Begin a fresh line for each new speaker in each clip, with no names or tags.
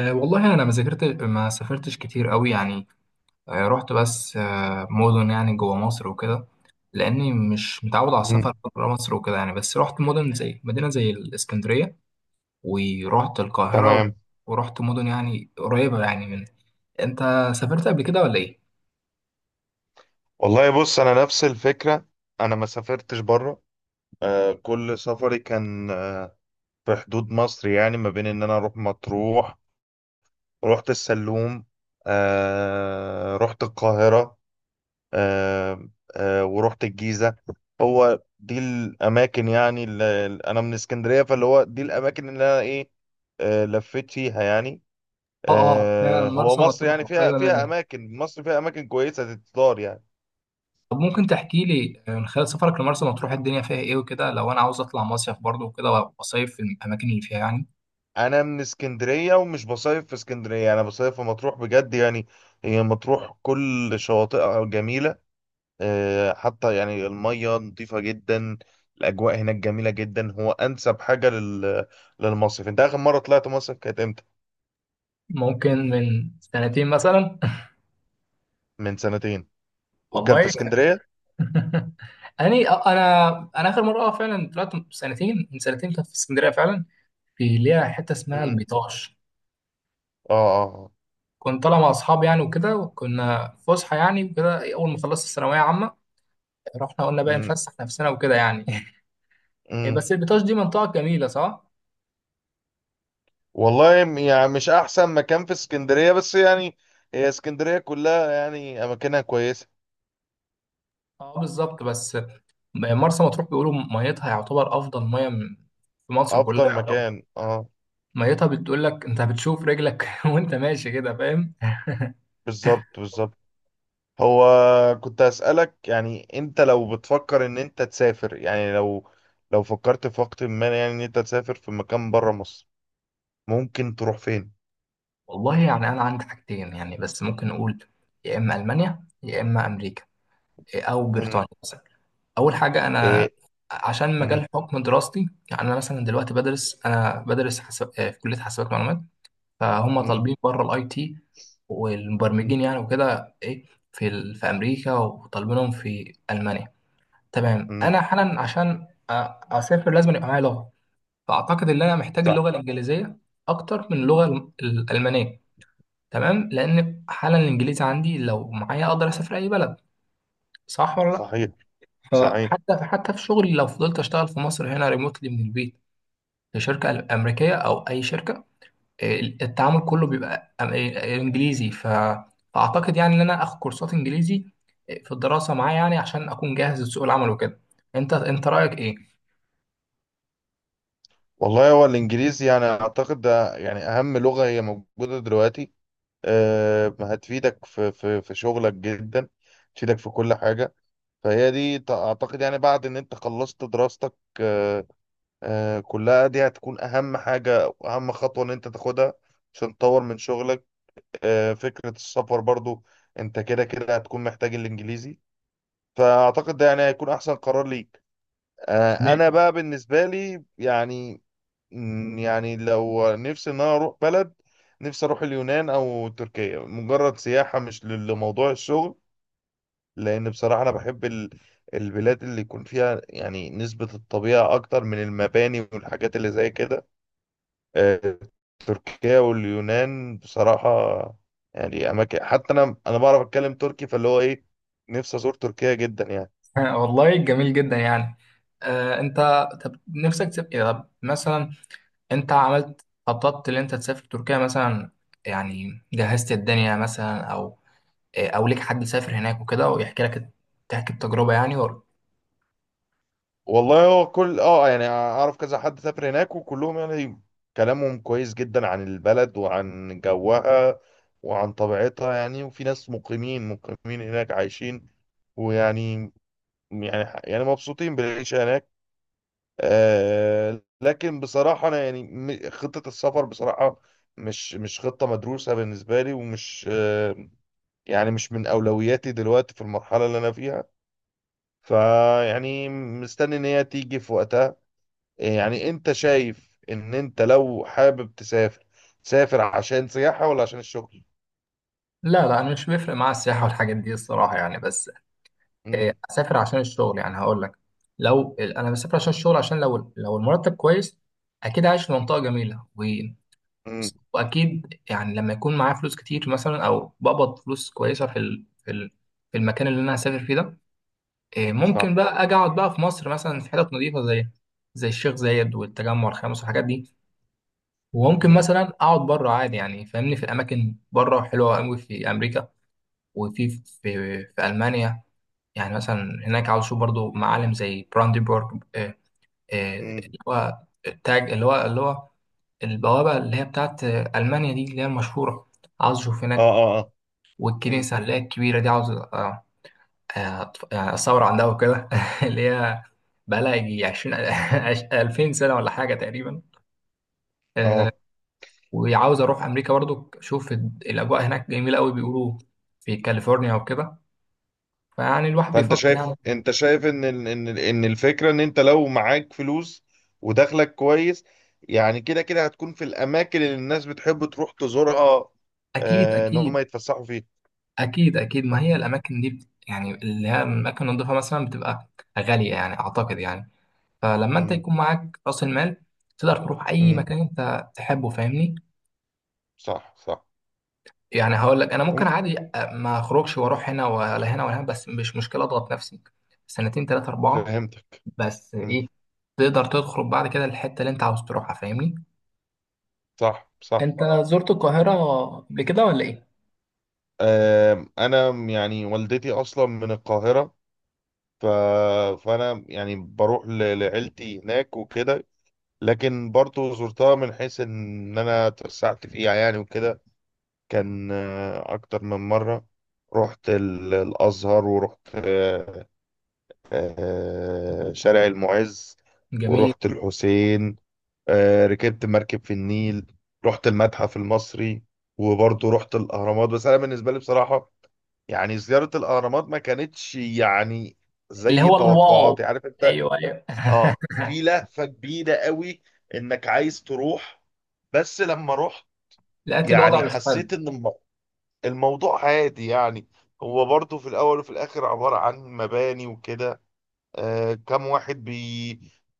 والله انا ما ذاكرت، ما سافرتش كتير قوي يعني. رحت بس مدن يعني جوه مصر وكده، لاني مش متعود على السفر
مم.
بره مصر وكده يعني. بس رحت مدن، زي مدينه زي الاسكندريه، ورحت القاهره،
تمام.
ورحت مدن يعني قريبه يعني من. انت سافرت قبل كده ولا ايه؟
والله بص، انا نفس الفكره. انا ما سافرتش بره. كل سفري كان في حدود مصر، يعني ما بين ان انا اروح مطروح، رحت السلوم، رحت القاهره، آه ورحت الجيزه. هو دي الاماكن، يعني اللي انا من اسكندريه، فاللي هو دي الاماكن اللي انا ايه، لفيت فيها يعني.
اه اه فعلا،
هو
مرسى
مصر
مطروح
يعني فيها
قريبه
فيها
منك.
اماكن، مصر فيها اماكن كويسه تتزار يعني.
طب ممكن تحكي لي، من خلال سفرك لمرسى مطروح، الدنيا فيها ايه وكده؟ لو انا عاوز اطلع مصيف برضه وكده واصيف في الاماكن اللي فيها يعني.
انا من اسكندريه ومش بصيف في اسكندريه، انا بصيف في مطروح بجد يعني. هي مطروح كل شواطئها جميله. حتى يعني الميه نظيفه جدا. الاجواء هناك جميله جدا. هو انسب حاجه لل... للمصيف. انت اخر مره طلعت مصيف كانت امتى؟
ممكن من سنتين مثلا.
من سنتين، وكان في
والله.
اسكندريه.
اني انا، انا اخر مره اه فعلا طلعت سنتين، من سنتين كنت في اسكندريه فعلا. في ليها حته اسمها
امم.
البيطاش.
اه اه.
كنت طالع مع اصحابي يعني وكده، وكنا في فسحه يعني وكده، اول ما خلصت الثانويه عامه رحنا قلنا بقى
امم.
نفسح نفسنا وكده يعني.
امم.
بس البيطاش دي منطقه جميله، صح؟
والله يعني مش احسن مكان في اسكندريه، بس يعني هي اسكندريه كلها يعني اماكنها كويسه.
اه بالظبط. بس مرسى مطروح بيقولوا ميتها يعتبر افضل ميه من- في مصر
افضل
كلها يعتبر.
مكان، اه.
ميتها بتقول لك، انت بتشوف رجلك وانت ماشي كده، فاهم؟
بالظبط، بالظبط. هو كنت أسألك، يعني انت لو بتفكر ان انت تسافر، يعني لو لو فكرت في وقت ما يعني ان انت تسافر في مكان بره مصر، ممكن تروح فين؟
والله يعني أنا عندي حاجتين يعني، بس ممكن نقول يا إما ألمانيا يا إما أمريكا أو بريطانيا
امم.
مثلا. أول حاجة أنا
ايه.
عشان مجال
امم.
حكم دراستي، يعني أنا مثلا دلوقتي بدرس، أنا بدرس حساب في كلية حاسبات معلومات، فهم
امم.
طالبين بره الأي تي والمبرمجين يعني وكده إيه، في ال... في أمريكا وطالبينهم في ألمانيا. تمام،
امم.
أنا حالا عشان أسافر لازم يبقى معايا لغة، فأعتقد إن أنا محتاج
صح.
اللغة الإنجليزية أكتر من اللغة الألمانية. تمام، لان حالا الانجليزي عندي لو معايا اقدر اسافر اي بلد، صح ولا
صحيح.
لا؟
صحيح.
فحتى في شغلي لو فضلت اشتغل في مصر هنا ريموتلي من البيت في شركه امريكيه او اي شركه، التعامل كله بيبقى انجليزي. فاعتقد يعني ان انا اخد كورسات انجليزي في الدراسه معايا يعني، عشان اكون جاهز لسوق العمل وكده. انت رايك ايه؟
والله هو الانجليزي يعني اعتقد ده يعني اهم لغة هي موجودة دلوقتي. أه، هتفيدك في في شغلك جدا، تفيدك في كل حاجة. فهي دي اعتقد يعني بعد ان انت خلصت دراستك، آه، كلها دي هتكون اهم حاجة واهم خطوة ان انت تاخدها عشان تطور من شغلك. فكرة السفر برضو، انت كده كده هتكون محتاج الانجليزي. فاعتقد ده يعني هيكون احسن قرار ليك. انا
جميل.
بقى بالنسبة لي يعني يعني لو نفسي ان انا اروح بلد، نفسي اروح اليونان او تركيا مجرد سياحة، مش لموضوع الشغل. لان بصراحة انا بحب البلاد اللي يكون فيها يعني نسبة الطبيعة اكتر من المباني والحاجات اللي زي كده. آه، تركيا واليونان بصراحة يعني أماكن. حتى أنا بعرف أتكلم تركي، فاللي هو إيه، نفسي أزور تركيا جدا يعني.
والله جميل جدا يعني. انت طب نفسك تبقى، طب مثلا، انت عملت، خططت ان انت تسافر تركيا مثلا؟ يعني جهزت الدنيا مثلا، او اه، او ليك حد سافر هناك وكده ويحكي لك، تحكي التجربه يعني ولا؟
والله هو كل أه يعني أعرف كذا حد سافر هناك، وكلهم يعني كلامهم كويس جدا عن البلد وعن جوها وعن طبيعتها يعني. وفي ناس مقيمين هناك عايشين ويعني يعني مبسوطين بالعيشة هناك. لكن بصراحة أنا يعني خطة السفر بصراحة مش خطة مدروسة بالنسبة لي، ومش يعني مش من أولوياتي دلوقتي في المرحلة اللي أنا فيها. فيعني مستني إن هي تيجي في وقتها. يعني أنت شايف إن أنت لو حابب تسافر، تسافر عشان سياحة ولا عشان الشغل؟
لا لا، انا مش بيفرق معايا السياحه والحاجات دي الصراحه يعني. بس اه،
امم.
اسافر عشان الشغل. يعني هقول لك، لو انا بسافر عشان الشغل، عشان لو المرتب كويس اكيد عايش في منطقه جميله، و
امم.
واكيد يعني لما يكون معايا فلوس كتير مثلا، او بقبض فلوس كويسه في في المكان اللي انا هسافر فيه ده، إيه،
صح.
ممكن بقى اجي اقعد بقى في مصر مثلا في حتت نظيفه زي زي الشيخ زايد والتجمع الخامس والحاجات دي. وممكن
امم.
مثلا اقعد بره عادي يعني، فاهمني، في الاماكن بره حلوه قوي في امريكا، وفي في, في المانيا. يعني مثلا هناك عاوز اشوف برضو معالم زي براندنبورغ،
امم.
اللي هو التاج اللي هو البوابه اللي هي بتاعت المانيا دي اللي هي المشهوره، عاوز اشوف
اه
هناك.
اه اه. امم.
والكنيسه اللي هي الكبيره دي، عاوز يعني الثورة عندها وكده اللي هي بقالها يجي 20 2000 سنة ولا حاجة تقريبا.
اه.
وعاوز أروح أمريكا برضو، أشوف الأجواء هناك جميلة أوي بيقولوا، في كاليفورنيا وكده. فيعني الواحد
فانت
بيفكر
شايف،
يعني.
انت شايف ان الفكره ان انت لو معاك فلوس ودخلك كويس، يعني كده كده هتكون في الاماكن اللي الناس بتحب تروح تزورها،
أكيد
ان هم
أكيد.
يتفسحوا فيها.
أكيد أكيد، ما هي الأماكن دي يعني اللي هي الأماكن النضيفة مثلا بتبقى غالية يعني، أعتقد يعني. فلما أنت
مم.
يكون معاك رأس المال تقدر تروح أي
مم.
مكان أنت تحبه، فاهمني.
صح صح.
يعني هقول لك، انا ممكن
مم.
عادي ما اخرجش واروح هنا ولا هنا ولا هنا، بس مش مشكله اضغط نفسي سنتين، ثلاثه، اربعه،
فهمتك.
بس
مم.
ايه، تقدر تخرج بعد كده الحته اللي انت عاوز تروحها، فاهمني.
صح صح.
انت زرت القاهره قبل كده ولا ايه؟
آم، انا يعني والدتي اصلا من القاهره، ف... فانا يعني بروح ل... لعيلتي هناك وكده. لكن برضو زرتها من حيث ان انا اتوسعت فيها يعني وكده، كان أكتر من مرة. رحت الأزهر، ورحت شارع المعز،
جميل.
ورحت الحسين. ركبت مركب في النيل، رحت المتحف المصري، وبرضه رحت الأهرامات. بس أنا بالنسبة لي بصراحة، يعني زيارة الأهرامات ما كانتش يعني
اللي
زي
هو الواو،
توقعاتي، عارف أنت.
ايوه ايوه.
آه، في لهفة كبيرة قوي إنك عايز تروح، بس لما رحت
لقيت
يعني
الوضع مش
حسيت
حلو.
إن الموضوع عادي يعني. هو برضه في الأول وفي الآخر عبارة عن مباني وكده. آه، كم واحد بي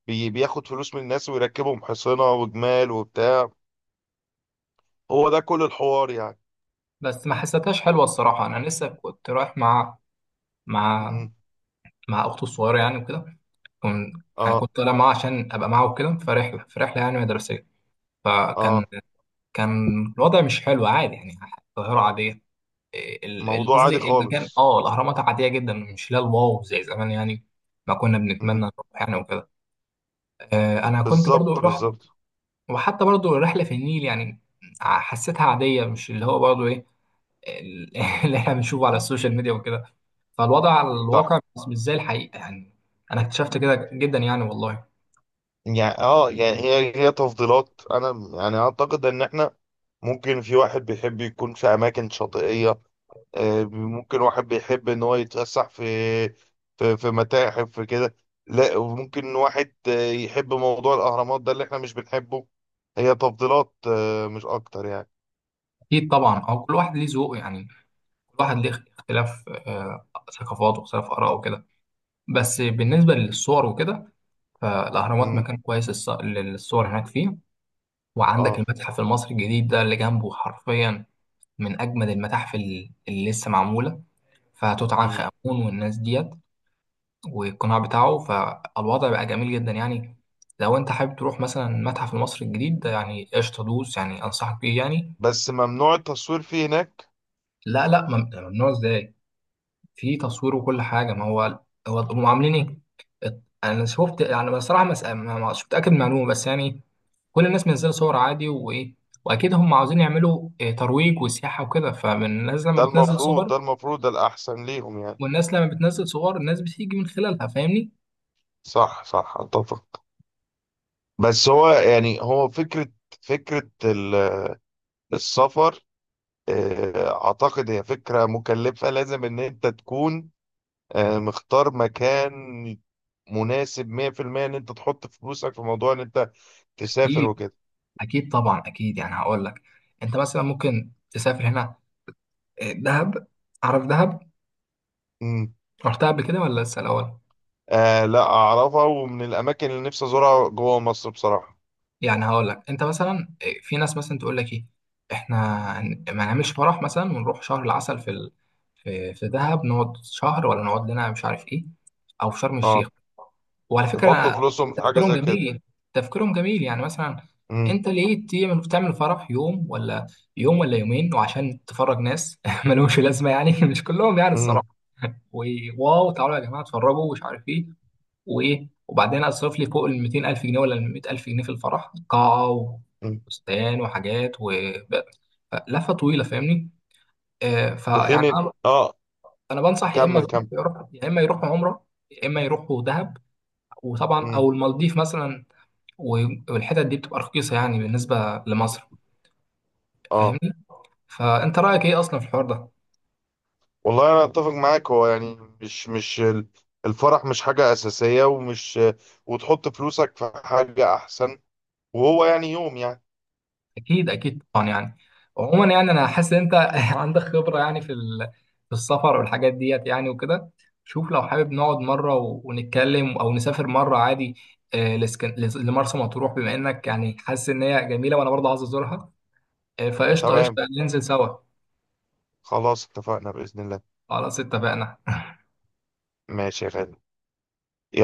بي بياخد فلوس من الناس ويركبهم حصنة وجمال وبتاع. هو ده كل الحوار يعني.
بس ما حسيتهاش حلوه الصراحه. انا لسه كنت رايح مع مع
مم.
مع اخته الصغيره يعني وكده. كنت، يعني
اه
كنت طالع معاها عشان ابقى معاها وكده في رحله، في رحله يعني مدرسيه. فكان
اه.
كان الوضع مش حلو عادي يعني. القاهرة عادية. إيه،
موضوع عادي
قصدي المكان
خالص.
اه الأهرامات عادية جدا، مش لا الواو زي زمان يعني. ما كنا بنتمنى
مم.
نروح يعني وكده. أنا كنت برضو
بالظبط
رحت.
بالظبط.
وحتى برضو الرحلة في النيل يعني حسيتها عادية، مش اللي هو برضو إيه، ال- اللي إحنا بنشوفه على السوشيال ميديا وكده. فالوضع على
صح.
الواقع مش مش زي الحقيقة يعني، أنا اكتشفت كده جدا يعني والله.
يعني اه يعني هي هي تفضيلات. انا يعني اعتقد ان احنا ممكن في واحد بيحب يكون في اماكن شاطئية، ممكن واحد بيحب ان هو يتفسح في في متاحف في كده، لا وممكن واحد يحب موضوع الاهرامات ده اللي احنا مش بنحبه. هي تفضيلات، مش اكتر يعني.
أكيد طبعا، أو كل واحد ليه ذوق يعني، كل واحد ليه اختلاف ثقافات واختلاف آراء وكده. بس بالنسبة للصور وكده، فالأهرامات
امم.
مكان كويس للصور، هناك فيه. وعندك
اه.
المتحف المصري الجديد ده اللي جنبه حرفيا من أجمد المتاحف اللي لسه معمولة، فتوت عنخ
مم.
آمون والناس ديت والقناع بتاعه، فالوضع بقى جميل جدا يعني. لو أنت حابب تروح مثلا المتحف المصري الجديد ده، يعني قشطة دوس، يعني أنصحك بيه يعني.
بس ممنوع التصوير فيه هناك.
لا لا، ممنوع إزاي؟ في تصوير وكل حاجة. ما هو هو هم عاملين إيه؟ انا شفت يعني بصراحه، مش متاكد من المعلومه بس يعني، كل الناس منزله صور عادي، وايه، واكيد هم عاوزين يعملوا ترويج وسياحه وكده، فالناس لما
ده
بتنزل اه
المفروض،
صور،
ده المفروض ده الاحسن ليهم يعني.
والناس لما بتنزل صور الناس بتيجي من خلالها، فاهمني.
صح صح، اتفق. بس هو يعني هو فكرة، فكرة السفر أعتقد هي فكرة مكلفة. لازم إن أنت تكون مختار مكان مناسب 100%، إن أنت تحط فلوسك في موضوع إن أنت تسافر
اكيد
وكده.
اكيد طبعا، اكيد. يعني هقول لك، انت مثلا ممكن تسافر هنا، دهب. عارف دهب؟
مم.
رحتها قبل كده ولا لسه الاول؟
آه، لا أعرفها، ومن الأماكن اللي نفسي أزورها جوه مصر بصراحة.
يعني هقول لك، انت مثلا في ناس مثلا تقول لك ايه، احنا ما نعملش فرح مثلا، ونروح شهر العسل في ال... في في دهب، نقعد شهر، ولا نقعد لنا مش عارف ايه، او في شرم الشيخ.
أه،
وعلى
يحطوا
فكرة
فلوسهم في حاجة
تفكيرهم
زي كده.
جميل. تفكيرهم جميل، يعني مثلا
مم.
انت ليه تعمل فرح يوم ولا يوم ولا يومين، وعشان تفرج ناس ملهمش لازمة يعني. مش كلهم يعني
مم.
الصراحة، وواو تعالوا يا جماعة اتفرجوا ومش عارف ايه، وايه، وبعدين اصرف لي فوق ال 200000 جنيه ولا ال 100000 جنيه في الفرح قاعة،
مم.
وفستان، وحاجات، و لفة طويلة، فاهمني. آه
في
فيعني
حين
انا،
أه،
انا بنصح يا
كمل
اما
كمل.
يروح، يا اما يروحوا عمرة، يا اما يروحوا دهب، وطبعا
مم.
او المالديف مثلا، والحتت دي بتبقى رخيصة يعني بالنسبة لمصر
أه
فاهمني. فأنت رأيك إيه أصلا في الحوار ده؟
والله انا اتفق معاك. هو يعني مش مش الفرح مش حاجة اساسية، ومش وتحط فلوسك في حاجة احسن. وهو يعني يوم يعني.
أكيد أكيد طبعا يعني. عموما يعني أنا حاسس إن أنت عندك خبرة يعني في في السفر والحاجات ديت يعني وكده. شوف لو حابب نقعد مرة ونتكلم، أو نسافر مرة عادي لمرسى مطروح، بما إنك يعني حاسس إن هي جميلة وأنا برضه عايز أزورها، فقشطة
تمام،
قشطة، ننزل سوا.
خلاص اتفقنا بإذن الله.
خلاص اتفقنا.
ماشي يا غالي. يلا.